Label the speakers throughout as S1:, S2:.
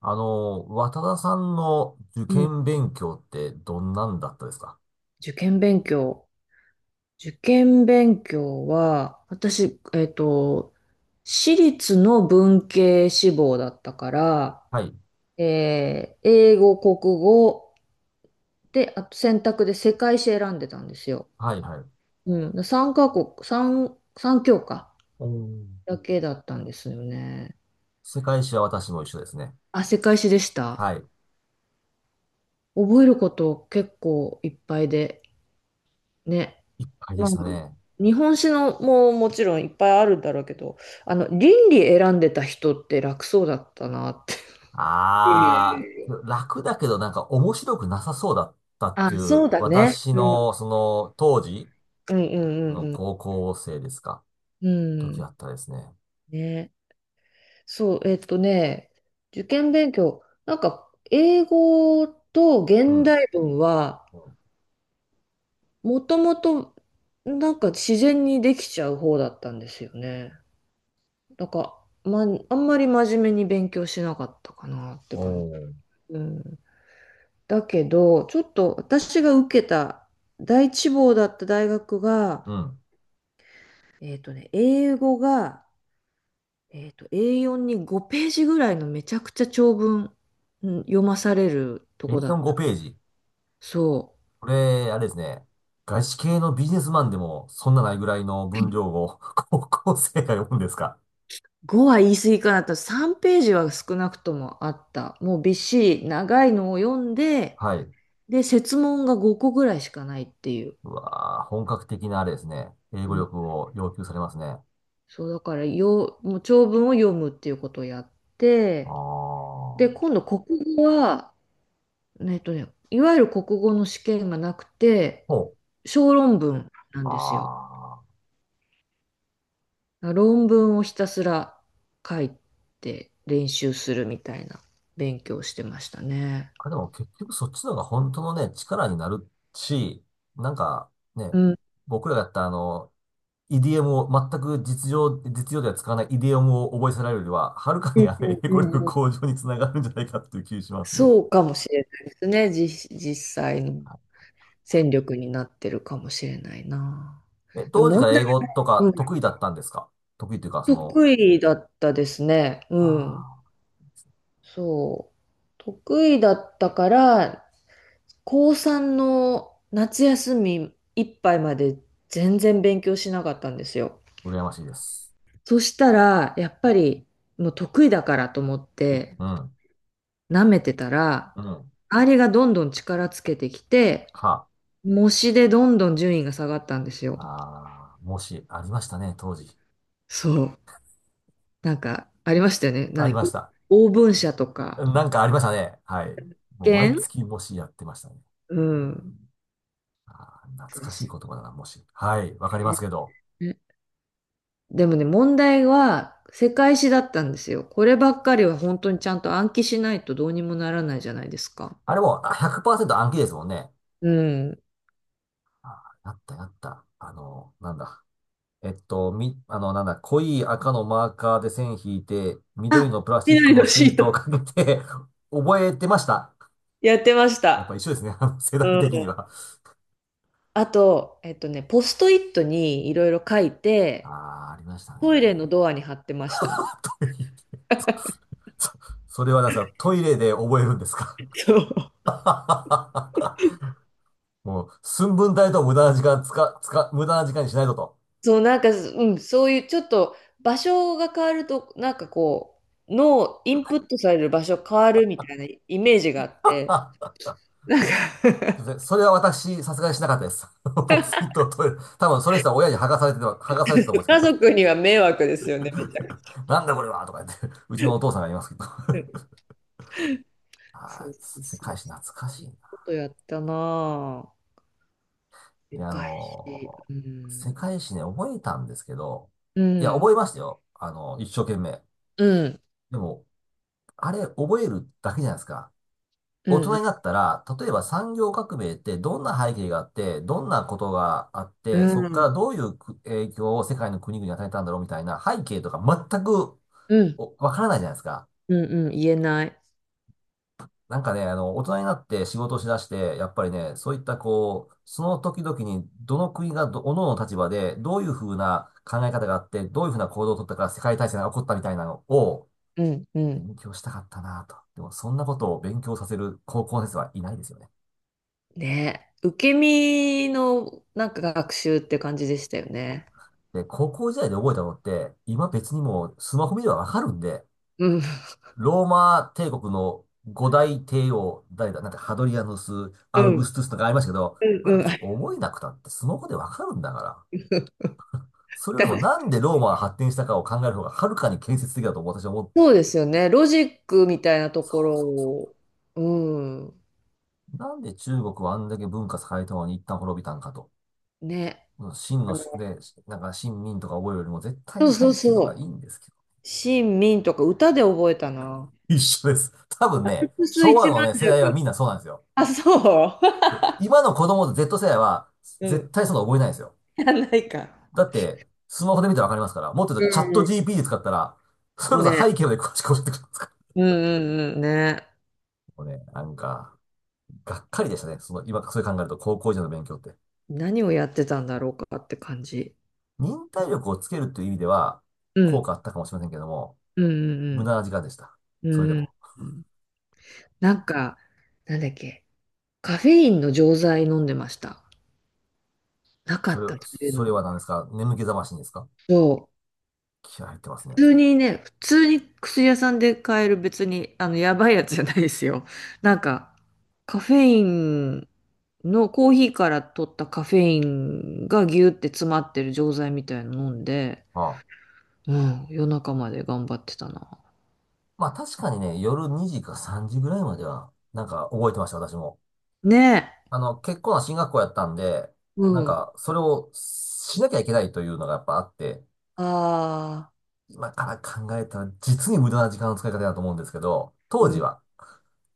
S1: 渡田さんの受
S2: うん、
S1: 験勉強ってどんなんだったですか？
S2: 受験勉強。受験勉強は、私、私立の文系志望だったから、
S1: はい。
S2: 英語、国語で、あと選択で世界史選んでたんですよ。
S1: はい、はい。
S2: うん、3カ国、3、三教科
S1: おー。
S2: だけだったんですよね。
S1: 世界史は私も一緒ですね。
S2: あ、世界史でした。
S1: はい。
S2: 覚えること結構いっぱいで、ね、
S1: いっぱいで
S2: まあ、
S1: したね。
S2: 日本史のももちろんいっぱいあるんだろうけど、倫理選んでた人って楽そうだったなって。いやいや
S1: あ
S2: いや、
S1: ー、楽だけどなんか面白くなさそうだったっ
S2: あ、
S1: てい
S2: そ
S1: う、
S2: うだね。
S1: 私
S2: うん、うん
S1: のその当時
S2: う
S1: の
S2: んうん
S1: 高校生ですか？
S2: うん。う
S1: 時あ
S2: ん。
S1: ったですね。
S2: ね。そう、受験勉強、なんか、英語と
S1: う
S2: 現
S1: ん。
S2: 代文は、もともと、なんか自然にできちゃう方だったんですよね。なんか、ま、あんまり真面目に勉強しなかったかなって
S1: お
S2: 感
S1: ー。
S2: じ。うん。だけど、ちょっと私が受けた第一志望だった大学が、
S1: うん。
S2: 英語が、A4 に5ページぐらいのめちゃくちゃ長文うん読まされるとこだっ
S1: A4 5
S2: た。
S1: ページ。
S2: そ
S1: これ、あれですね。外資系のビジネスマンでも、そんなないぐらいの分量を 高校生が読むんですか？
S2: う。5は言い過ぎかなと。3ページは少なくともあった。もうびっしり長いのを読んで、
S1: はい。
S2: で、設問が5個ぐらいしかないっていう。
S1: うわー、本格的なあれですね。英
S2: う
S1: 語
S2: ん
S1: 力を要求されますね。
S2: そう、だからよ、もう長文を読むっていうことをやっ
S1: あ
S2: て、で、
S1: あ。
S2: 今度国語は、いわゆる国語の試験がなくて、
S1: ほう。
S2: 小論文なん
S1: あ
S2: ですよ。
S1: あ。
S2: 論文をひたすら書いて練習するみたいな勉強をしてましたね。
S1: あ、でも結局そっちの方が本当のね、力になるし、なんかね、
S2: うん、
S1: 僕らがやったイディオムを、全く実情、実用では使わないイディオムを覚えさせられるよりは、はるか
S2: う
S1: に
S2: ん
S1: あの
S2: うん
S1: 英語力
S2: うん、
S1: 向上につながるんじゃないかっていう気がしますね。
S2: そうかもしれないですね。実際の戦力になってるかもしれないな。
S1: え、
S2: で
S1: 当時
S2: 問
S1: から
S2: 題、
S1: 英語と
S2: う
S1: か
S2: ん、
S1: 得意だったんですか？得意というか、
S2: 得意だったですね。うん。
S1: あ
S2: そう。得意だったから、高3の夏休みいっぱいまで全然勉強しなかったんですよ。
S1: あ、羨ましいです。
S2: そしたら、やっぱりもう得意だからと思って
S1: うん、
S2: 舐めてたら、
S1: うん、
S2: 周りがどんどん力つけてきて、
S1: は、
S2: 模試でどんどん順位が下がったんですよ。
S1: ああ、もし、ありましたね、当時。
S2: そう。なんかありましたよね。
S1: あり
S2: 何、
S1: ました。
S2: お応募者とか、
S1: なんかありましたね。はい。もう
S2: 試
S1: 毎
S2: 験。
S1: 月もしやってましたね。
S2: うん。
S1: ああ、懐かしい言葉だな、もし。はい、わかりますけど。
S2: でもね、問題は世界史だったんですよ。こればっかりは本当にちゃんと暗記しないとどうにもならないじゃないですか。
S1: あれもあ100%暗記ですもんね。
S2: うん。
S1: ああ、やったやった。なんだ。み、なんだ、濃い赤のマーカーで線引いて、緑のプラスチック
S2: 緑
S1: の
S2: のシ
S1: シー
S2: ー
S1: トを
S2: ト。
S1: かけて 覚えてました。
S2: やってまし
S1: やっぱ一
S2: た。
S1: 緒ですね。あの世代
S2: うん。
S1: 的には。
S2: あと、ポストイットにいろいろ書い
S1: あ
S2: て、
S1: あ、ありましたね。
S2: トイレのドアに貼ってましたね。
S1: トイレ。そ、そそれはなんですか、トイレで覚えるんですか？
S2: そう。
S1: もう、寸分たりとも無駄な時間つか、つか、無駄な時間にしないぞと。
S2: そう、なんか、うん、そういうちょっと場所が変わると、なんかこう、脳、インプットされる場所変わるみたいなイメージがあって、
S1: あ、
S2: なんか
S1: すいません。それは私、さすがにしなかったです。防水とトイレ、多分それしたら親に剥がされてた、剥がされてたと思う んです、きっ
S2: 家
S1: と。
S2: 族には迷惑ですよね、めちゃくち
S1: なんだこれはとか言って、うちのお父さんが言いますけど。
S2: ゃ。
S1: は
S2: そう
S1: い、
S2: そう
S1: 世
S2: そう。
S1: 界史懐かしいな。
S2: ことやったなぁ。
S1: い
S2: で
S1: や、
S2: か返し。う
S1: 世
S2: ん。
S1: 界史ね、覚えたんですけど、
S2: う
S1: いや、
S2: ん。
S1: 覚えましたよ。一生懸命。
S2: うん。
S1: でも、あれ、覚えるだけじゃないですか。
S2: う
S1: 大人
S2: ん。
S1: になったら、例えば産業革命ってどんな背景があって、どんなことがあっ
S2: う
S1: て、そ
S2: ん。
S1: こか
S2: うん。
S1: らどういう影響を世界の国々に与えたんだろうみたいな背景とか全くわからないじゃないですか。
S2: うん。うん。言えない。
S1: なんかね、大人になって仕事をしだして、やっぱりね、そういったこう、その時々にどの国が各々の立場で、どういうふうな考え方があって、どういうふうな行動を取ったから世界大戦が起こったみたいなのを
S2: うん。うん。
S1: 勉強したかったなと。でも、そんなことを勉強させる高校の先生はいないですよね。
S2: ね。受け身のなんか学習って感じでしたよね。
S1: で、高校時代で覚えたのって、今別にもうスマホ見ればわかるんで、
S2: うん。
S1: ローマ帝国の五大帝王、誰だ、なんかハドリアヌス、
S2: う
S1: アウグ
S2: ん。
S1: ストゥスとかありましたけど、
S2: う
S1: ま
S2: ん。
S1: だ
S2: うん。
S1: 別に覚えなくたってスマホでわかるんだから。それよりもなんでローマが発展したかを考える方がはるかに建設的だと私は思う。
S2: そうですよね。ロジックみたいなと
S1: そ
S2: ころ
S1: うそ
S2: を。う
S1: う。なんで中国はあんだけ文化栄えたのに一旦滅びたんかと。
S2: ん。ね。
S1: 秦
S2: あ
S1: の
S2: の、
S1: 宿で、なんか秦民とか覚えるよりも絶対
S2: そ
S1: に
S2: うそう
S1: 廃棄と
S2: そ
S1: かいいん
S2: う。
S1: ですけど。
S2: シン・ミンとか歌で覚えたな。
S1: 一緒です。多分
S2: アル
S1: ね、
S2: プス
S1: 昭
S2: 一
S1: 和
S2: 万
S1: のね、世代は
S2: 尺。
S1: みんなそうなんですよ。
S2: あ、そう
S1: で、今の子供と Z 世代は
S2: う
S1: 絶
S2: ん。
S1: 対そんなの覚えないですよ。
S2: やんないか。
S1: だって、スマホで見たらわかりますから、もっと言
S2: う
S1: うとチャット
S2: ん
S1: GP で使ったら、それ
S2: うん。
S1: こそ
S2: ね。
S1: 背景まで詳しく教えてくれますから。
S2: うんうんうん。ね。
S1: もうね、なんか、がっかりでしたね。今、それ考えると高校時代の勉強って。
S2: 何をやってたんだろうかって感じ。
S1: 忍耐力をつけるという意味では、
S2: う
S1: 効
S2: ん。
S1: 果あったかもしれませんけども、
S2: う
S1: 無
S2: ん
S1: 駄な時間でした。
S2: うんう
S1: それで
S2: ん。うん。
S1: も。
S2: うんなんか、なんだっけ。カフェインの錠剤飲んでました。なかったっていう
S1: それは
S2: の。
S1: 何ですか？眠気覚ましにですか？
S2: そう。
S1: 気合入ってますね。
S2: 普通にね、普通に薬屋さんで買える別に、やばいやつじゃないですよ。なんか、カフェインのコーヒーから取ったカフェインがギューって詰まってる錠剤みたいの飲んで、
S1: ああ。
S2: うん、夜中まで頑張ってたな。
S1: まあ確かにね、夜2時か3時ぐらいまでは、なんか覚えてました、私も。
S2: ねえ。
S1: 結構な進学校やったんで、
S2: う
S1: なん
S2: ん。
S1: か、それをしなきゃいけないというのがやっぱあって、
S2: ああ、
S1: 今から考えたら実に無駄な時間の使い方だと思うんですけど、
S2: う
S1: 当
S2: ん、
S1: 時は、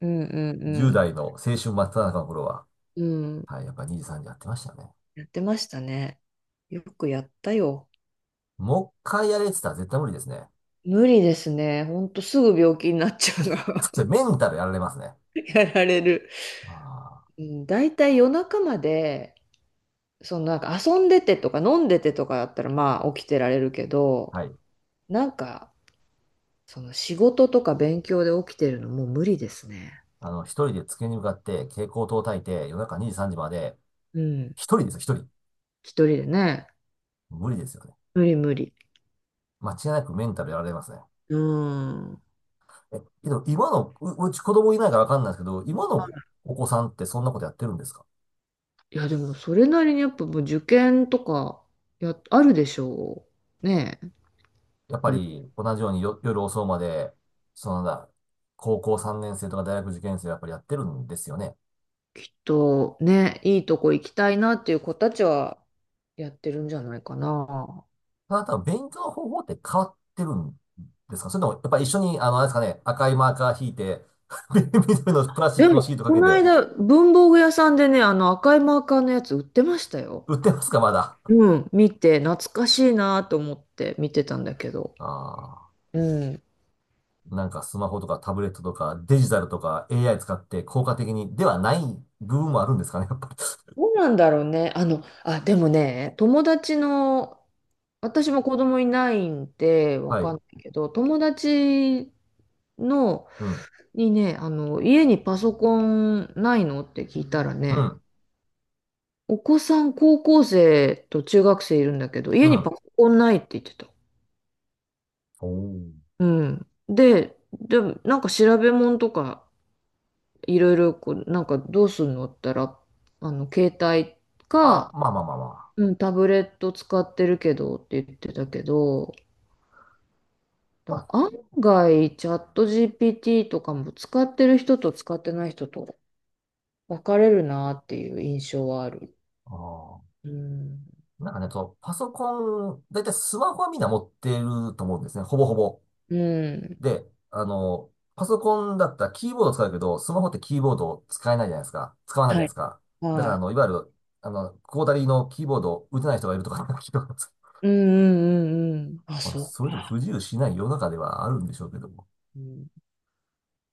S2: うん、うん、
S1: 10代の青春真っ只中の頃は、
S2: うん。
S1: はい、やっぱ2時3時やってましたね。
S2: やってましたね。よくやったよ。
S1: もう一回やれって言ったら絶対無理ですね。
S2: 無理ですね。ほんとすぐ病気になっちゃうの。
S1: それ メンタルやられますね。
S2: やられる。
S1: あー、
S2: うん、大体夜中まで、そのなんか遊んでてとか飲んでてとかだったらまあ起きてられるけど、
S1: はい。
S2: なんかその仕事とか勉強で起きてるのもう無理ですね。
S1: 一人で机に向かって蛍光灯を焚いて夜中2時3時まで、
S2: うん。
S1: 一人ですよ、一人。
S2: 一人でね。
S1: 無理ですよね。
S2: 無理無理。
S1: 間違いなくメンタルやられますね。
S2: うん。
S1: え、けど今の、うち子供いないからわかんないですけど、今のお子さんってそんなことやってるんですか？
S2: いや、でもそれなりにやっぱもう受験とかや、あるでしょう。ねえ。
S1: やっぱ
S2: うん、
S1: り同じようによ夜遅うまで、なんだ、高校3年生とか大学受験生はやっぱりやってるんですよね。
S2: きっとね、いいとこ行きたいなっていう子たちはやってるんじゃないかな。
S1: ただ、勉強の方法って変わってるんですか？それとも、やっぱり一緒に、あれですかね、赤いマーカー引いて、緑のプラスチッ
S2: で
S1: クのシ
S2: も、
S1: ートか
S2: こ
S1: け
S2: の
S1: て、
S2: 間、文房具屋さんでね、あの赤いマーカーのやつ売ってましたよ。
S1: 売ってますか、まだ。
S2: うん、見て、懐かしいなと思って見てたんだけど。
S1: あ
S2: うん。
S1: あ、なんかスマホとかタブレットとかデジタルとか AI 使って効果的にではない部分もあるんですかね、やっぱり。
S2: どうなんだろうね。あの、あ、でもね、友達の、私も子供いないんでわ
S1: は
S2: か
S1: い。
S2: んないけど、友達の、
S1: うん、
S2: にね、家にパソコンないのって聞いたら
S1: う
S2: ね、
S1: ん、
S2: お子さん高校生と中学生いるんだけど、
S1: う
S2: 家にパ
S1: ん。
S2: ソコンないって言ってた。
S1: おー、
S2: うん。で、でもなんか調べ物とか、いろいろこう、なんかどうするのって言ったら、携帯
S1: あ、
S2: か、
S1: まあまあまあまあ。
S2: うん、タブレット使ってるけどって言ってたけど、
S1: ま
S2: だ
S1: あ、
S2: 案外、チャット GPT とかも使ってる人と使ってない人と分かれるなっていう印象はある。
S1: あー
S2: うん。
S1: なんかね、そう、パソコン、だいたいスマホはみんな持ってると思うんですね、ほぼほぼ。
S2: うん。
S1: で、パソコンだったらキーボード使うけど、スマホってキーボード使えないじゃないですか。使わないじ
S2: は
S1: ゃないで
S2: い。
S1: すか。だから、
S2: は
S1: あ
S2: い。
S1: の、いわゆる、あの、クォータリーのキーボードを打てない人がいるとか、聞いたことあるんです
S2: うんうんうんうん。あ、
S1: まあ、
S2: そう
S1: それでも
S2: か。
S1: 不自由しない世の中ではあるんでしょうけども。
S2: うん、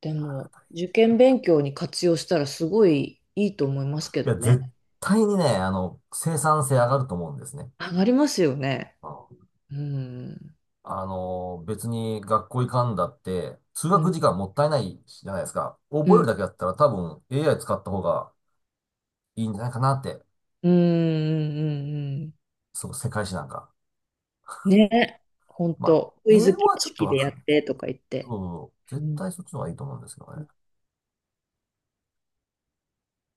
S2: で
S1: あ
S2: も、
S1: ー、
S2: 受験勉強に活用したらすごいいいと思いま
S1: 大
S2: すけ
S1: 変
S2: ど
S1: いや、
S2: ね。
S1: 絶対にね、生産性上がると思うんですね。
S2: 上がりますよね。
S1: うん。
S2: うん。
S1: 別に学校行かんだって、通
S2: う
S1: 学
S2: ん。
S1: 時間もったいないじゃないですか。
S2: う
S1: 覚える
S2: ん。
S1: だけだったら多分 AI 使った方がいいんじゃないかなって、
S2: うんうん
S1: そう、世界史なんか。
S2: うん。ね。本
S1: まあ、
S2: 当。クイ
S1: 英
S2: ズ
S1: 語
S2: 形
S1: はちょっと
S2: 式
S1: わ
S2: で
S1: か
S2: やっ
S1: んないです
S2: てとか言っ
S1: け
S2: て。
S1: ど、
S2: う
S1: 絶
S2: ん
S1: 対そっちの方がいいと思うんですけどね。